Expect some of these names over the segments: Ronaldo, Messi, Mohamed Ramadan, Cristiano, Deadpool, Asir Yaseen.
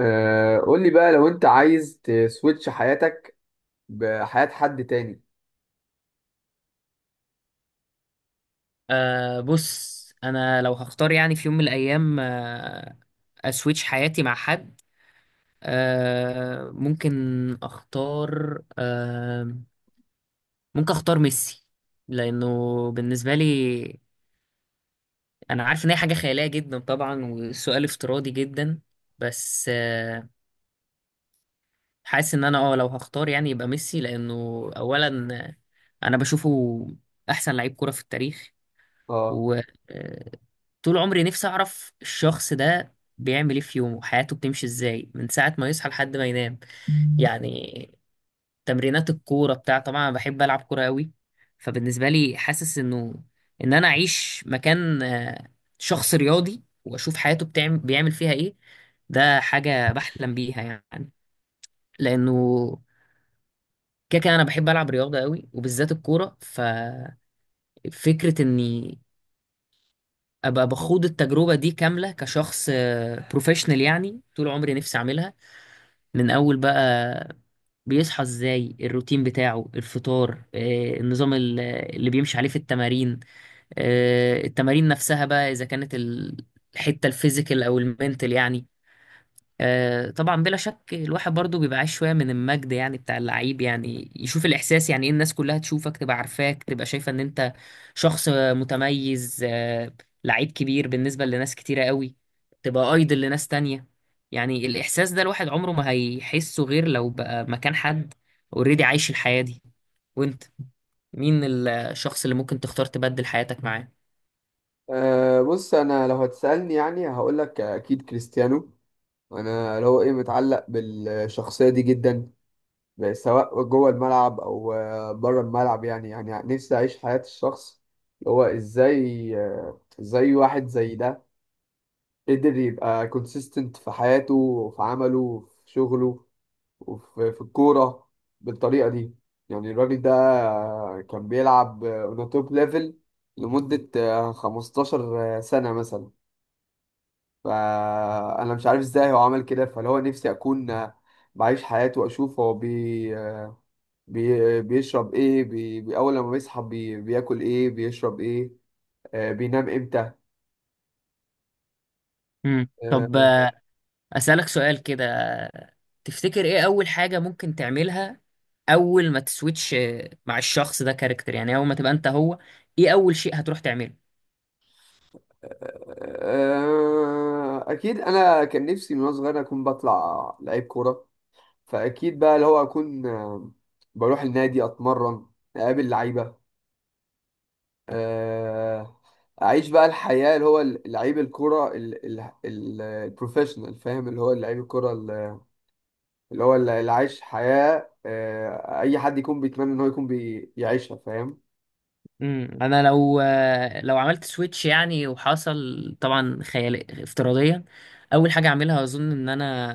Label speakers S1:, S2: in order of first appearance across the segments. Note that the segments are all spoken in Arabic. S1: آه، قول لي بقى لو انت عايز تسويتش حياتك بحياة حد تاني.
S2: بص، انا لو هختار في يوم من الايام اسويتش حياتي مع حد. ممكن اختار، ممكن اختار ميسي، لانه بالنسبه لي انا عارف ان هي حاجه خياليه جدا طبعا وسؤال افتراضي جدا. بس حاسس ان انا لو هختار يبقى ميسي، لانه اولا انا بشوفه احسن لعيب كره في التاريخ.
S1: اه.
S2: و آه، طول عمري نفسي اعرف الشخص ده بيعمل ايه في يومه، حياته بتمشي ازاي من ساعة ما يصحى لحد ما ينام. يعني تمرينات الكورة بتاع، طبعا انا بحب العب كورة قوي. فبالنسبة لي حاسس انه ان انا اعيش مكان شخص رياضي واشوف حياته بيعمل فيها ايه. ده حاجة بحلم بيها، يعني لأنه كده كده أنا بحب ألعب رياضة قوي وبالذات الكورة. ففكرة إني ابقى بخوض التجربه دي كامله كشخص بروفيشنال، طول عمري نفسي اعملها. من اول بقى بيصحى ازاي، الروتين بتاعه، الفطار، النظام اللي بيمشي عليه في التمارين، التمارين نفسها بقى، اذا كانت الحته الفيزيكال او المنتال. طبعا بلا شك الواحد برضو بيبقى عايز شويه من المجد، بتاع اللعيب، يشوف الاحساس ايه، الناس كلها تشوفك، تبقى عارفاك، تبقى شايفه ان انت شخص متميز، لعيب كبير بالنسبه لناس كتيره قوي، تبقى ايدل لناس تانية. الاحساس ده الواحد عمره ما هيحسه غير لو بقى مكان حد اوريدي عايش الحياه دي. وانت، مين الشخص اللي ممكن تختار تبدل حياتك معاه؟
S1: بص، انا لو هتسألني يعني هقول لك اكيد كريستيانو. انا اللي هو ايه متعلق بالشخصية دي جدا، سواء جوه الملعب او بره الملعب. يعني يعني نفسي اعيش حياة الشخص اللي هو ازاي، ازاي واحد زي ده قدر يبقى كونسيستنت في حياته وفي عمله وفي شغله وفي الكورة بالطريقة دي. يعني الراجل ده كان بيلعب اون توب ليفل لمدة 15 سنة مثلا. فأنا مش عارف ازاي هو عمل كده، فاللي هو نفسي أكون بعيش حياته وأشوف هو بي بي بيشرب ايه، أول لما بيصحى بي بياكل ايه بيشرب ايه، بينام امتى.
S2: طب
S1: آه،
S2: أسألك سؤال كده، تفتكر ايه أول حاجة ممكن تعملها أول ما تسويتش مع الشخص ده؟ كاركتر، أول ما تبقى أنت هو، ايه أول شيء هتروح تعمله؟
S1: أكيد أنا كان نفسي من وأنا صغير أكون بطلع لعيب كورة، فاكيد بقى اللي هو اكون بروح النادي اتمرن، اقابل لعيبه، آه، اعيش بقى الحياه اللي هو لعيب الكره البروفيشنال. فاهم؟ اللي هو لعيب الكره اللي هو اللي عايش حياه اي حد يكون بيتمنى ان هو يكون بيعيشها. فاهم؟
S2: انا لو عملت سويتش، وحصل طبعا خيال افتراضيا، اول حاجه اعملها اظن ان انا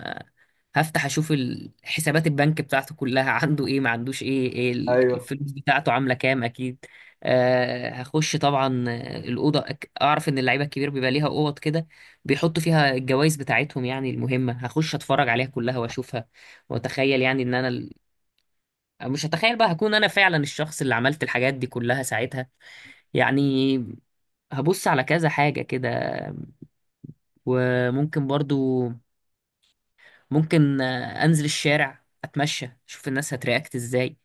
S2: هفتح اشوف حسابات البنك بتاعته كلها عنده ايه ما عندوش ايه، إيه
S1: ايوه.
S2: الفلوس بتاعته عامله كام، اكيد. أه هخش طبعا الاوضه اعرف ان اللعيبه الكبير بيبقى ليها اوض كده بيحطوا فيها الجوائز بتاعتهم، يعني المهمه هخش اتفرج عليها كلها واشوفها واتخيل ان انا مش هتخيل بقى، هكون انا فعلا الشخص اللي عملت الحاجات دي كلها ساعتها. يعني هبص على كذا حاجة كده. وممكن برضو، ممكن أنزل الشارع، أتمشى، أشوف الناس هترياكت إزاي،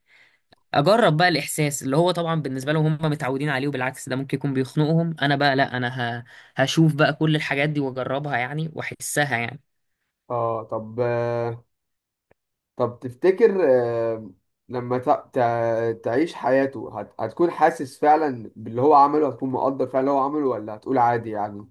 S2: أجرب بقى الإحساس اللي هو طبعا بالنسبة لهم هم متعودين عليه وبالعكس ده ممكن يكون بيخنقهم، أنا بقى لأ، أنا هشوف بقى كل الحاجات دي وأجربها وأحسها يعني.
S1: اه طب طب تفتكر، لما تعيش حياته هتكون حاسس فعلا باللي هو عمله؟ هتكون مقدر فعلا اللي هو عمله ولا هتقول عادي يعني؟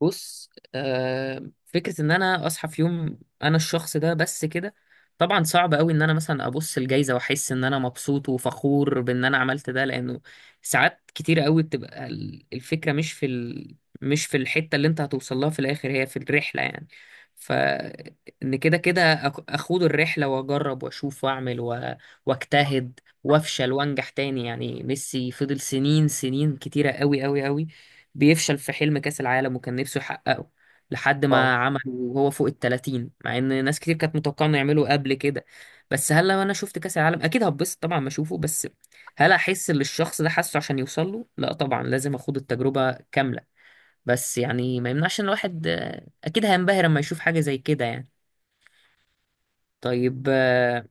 S2: بص، فكرة ان انا اصحى في يوم انا الشخص ده بس كده، طبعا صعب قوي ان انا مثلا ابص الجايزة واحس ان انا مبسوط وفخور بان انا عملت ده، لانه ساعات كتير قوي بتبقى الفكرة مش في الحتة اللي انت هتوصل لها في الاخر، هي في الرحلة. يعني ف ان كده كده اخوض الرحلة واجرب واشوف واعمل واجتهد وافشل وانجح تاني. يعني ميسي فضل سنين كتيرة قوي بيفشل في حلم كأس العالم وكان نفسه يحققه لحد ما
S1: آه.
S2: عمل، وهو فوق ال 30، مع ان ناس كتير كانت متوقعه انه يعمله قبل كده. بس هل لما انا شفت كأس العالم اكيد هتبسط طبعا ما اشوفه، بس هل احس اللي الشخص ده حاسه عشان يوصل له؟ لا طبعا، لازم اخوض التجربة كاملة. بس ما يمنعش ان الواحد اكيد هينبهر لما يشوف حاجة زي كده يعني. طيب،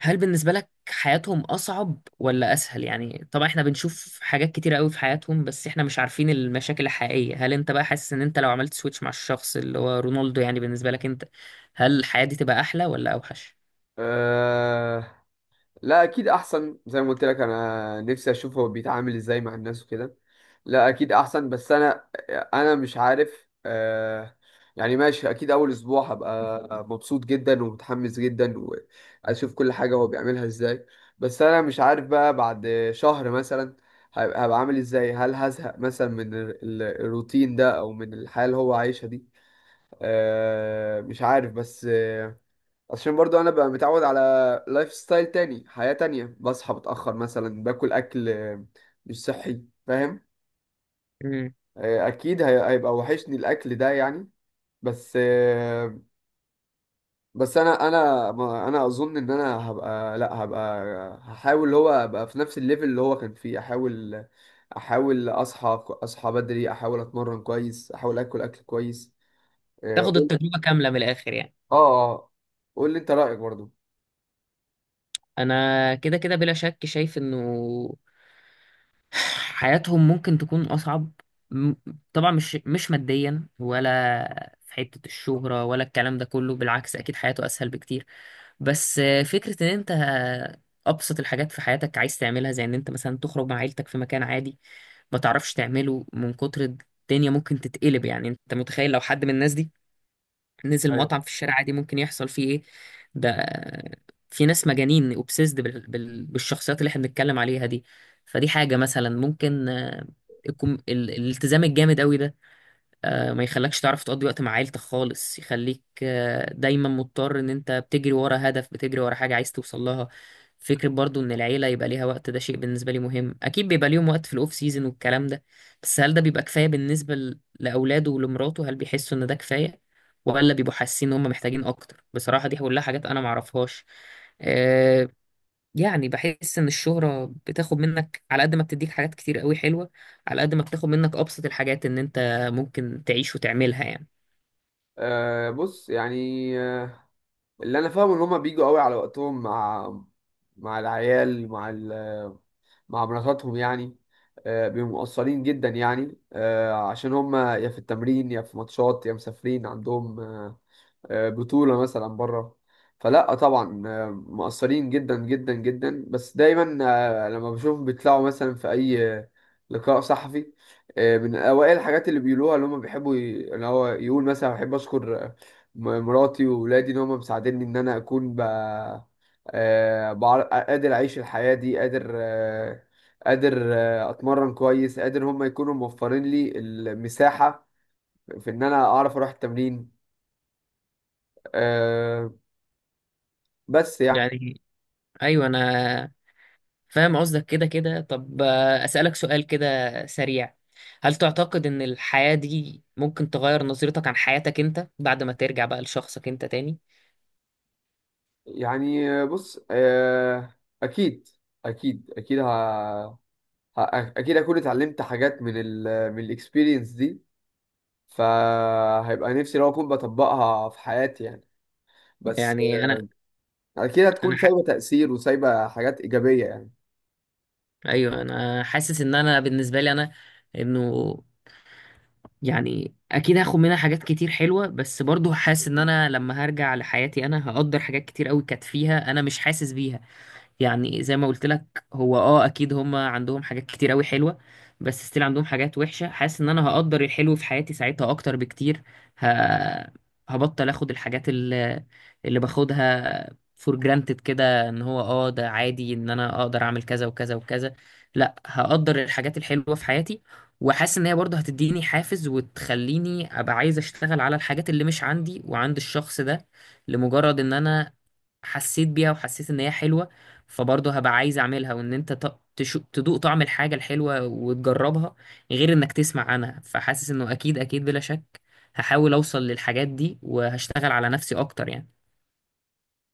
S2: هل بالنسبة لك حياتهم أصعب ولا أسهل؟ يعني طبعا إحنا بنشوف حاجات كتيرة قوي في حياتهم، بس إحنا مش عارفين المشاكل الحقيقية. هل أنت بقى حاسس إن أنت لو عملت سويتش مع الشخص اللي هو رونالدو، يعني بالنسبة لك أنت هل الحياة دي تبقى أحلى ولا أوحش؟
S1: أه لا اكيد احسن، زي ما قلت لك انا نفسي اشوف هو بيتعامل ازاي مع الناس وكده. لا اكيد احسن، بس انا مش عارف أه. يعني ماشي، اكيد اول اسبوع هبقى مبسوط جدا ومتحمس جدا واشوف كل حاجة هو بيعملها ازاي. بس انا مش عارف بقى بعد شهر مثلا هبقى عامل ازاي؟ هل هزهق مثلا من الروتين ده او من الحياة اللي هو عايشها دي؟ أه مش عارف. بس عشان برضو انا بقى متعود على لايف ستايل تاني، حياة تانية، بصحى متأخر مثلا، باكل اكل مش صحي. فاهم؟
S2: مم.
S1: اكيد هيبقى وحشني الاكل ده يعني. بس آه، بس انا انا ما- انا اظن ان انا هبقى لا هبقى هحاول اللي هو ابقى في نفس الليفل اللي هو كان فيه. احاول، احاول اصحى بدري، احاول اتمرن كويس، احاول اكل كويس. اه
S2: تاخد
S1: قول-
S2: التجربة كاملة من الآخر يعني.
S1: اه. آه. قول لي انت رأيك برضو.
S2: أنا كده كده بلا شك شايف إنه حياتهم ممكن تكون أصعب. م- طبعا مش ماديا ولا في حتة الشهرة ولا الكلام ده كله، بالعكس أكيد حياته أسهل بكتير. بس فكرة إن أنت أبسط الحاجات في حياتك عايز تعملها، زي إن أنت مثلا تخرج مع عيلتك في مكان عادي، ما تعرفش تعمله من كتر الدنيا. ممكن تتقلب، يعني أنت متخيل لو حد من الناس دي نزل
S1: أيوة.
S2: مطعم في الشارع عادي ممكن يحصل فيه ايه؟ ده في ناس مجانين اوبسيسد بالشخصيات اللي احنا بنتكلم عليها دي. فدي حاجة مثلا ممكن الالتزام الجامد قوي ده، ما يخلكش تعرف تقضي وقت مع عيلتك خالص، يخليك دايما مضطر ان انت بتجري ورا هدف، بتجري ورا حاجة عايز توصل لها. فكرة برضو ان العيلة يبقى ليها وقت، ده شيء بالنسبة لي مهم. اكيد بيبقى ليهم وقت في الاوف سيزون والكلام ده، بس هل ده بيبقى كفاية بالنسبة لاولاده ولمراته؟ هل بيحسوا ان ده كفاية ولا بيبقوا حاسين ان هم محتاجين اكتر؟ بصراحة دي كلها حاجات انا معرفهاش. يعني بحس ان الشهرة بتاخد منك على قد ما بتديك حاجات كتير قوي حلوة، على قد ما بتاخد منك ابسط الحاجات ان انت ممكن تعيش وتعملها يعني.
S1: آه بص يعني آه، اللي انا فاهمه ان هما بيجوا قوي على وقتهم مع، مع العيال، مع ال... مع مراتاتهم يعني. بيبقوا مقصرين جدا يعني، عشان هما يا في التمرين يا في ماتشات يا مسافرين عندهم بطولة مثلا بره. فلا طبعا مقصرين جدا جدا جدا. بس دايما لما بشوفهم بيطلعوا مثلا في أي لقاء صحفي، من أوائل الحاجات اللي بيقولوها اللي هم بيحبوا اللي هو يقول مثلا: بحب أشكر مراتي وولادي، إن هم مساعديني، إن أنا أكون ب... قادر أعيش الحياة دي، قادر قادر أتمرن كويس، قادر هم يكونوا موفرين لي المساحة في إن أنا أعرف أروح التمرين. آه، بس يعني.
S2: يعني ايوه انا فاهم قصدك. كده كده طب، اسألك سؤال كده سريع، هل تعتقد ان الحياة دي ممكن تغير نظرتك عن حياتك انت بعد ما ترجع بقى لشخصك انت تاني؟
S1: يعني بص، اكيد، اكيد اكيد اكون اتعلمت حاجات من ال... من الاكسبيرينس دي، فهيبقى نفسي لو اكون بطبقها في حياتي يعني. بس
S2: يعني انا
S1: اكيد هتكون
S2: انا ح...
S1: سايبه تأثير وسايبه حاجات ايجابيه يعني.
S2: ايوه انا حاسس ان انا بالنسبة لي انا انه يعني اكيد هاخد منها حاجات كتير حلوة، بس برضو حاسس ان انا لما هرجع لحياتي انا هقدر حاجات كتير قوي كانت فيها انا مش حاسس بيها. يعني زي ما قلت لك، هو اكيد هم عندهم حاجات كتير قوي حلوه، بس ستيل عندهم حاجات وحشه. حاسس ان انا هقدر الحلو في حياتي ساعتها اكتر بكتير. ه... هبطل اخد الحاجات اللي باخدها فور جرانتد كده، ان هو ده عادي ان انا اقدر اعمل كذا وكذا وكذا. لا، هقدر الحاجات الحلوه في حياتي. وحاسس ان هي برضه هتديني حافز وتخليني ابقى عايز اشتغل على الحاجات اللي مش عندي وعند الشخص ده، لمجرد ان انا حسيت بيها وحسيت ان هي حلوه، فبرضه هبقى عايز اعملها. وان انت تدوق طعم الحاجه الحلوه وتجربها، غير انك تسمع عنها. فحاسس انه اكيد اكيد بلا شك هحاول اوصل للحاجات دي وهشتغل على نفسي اكتر يعني.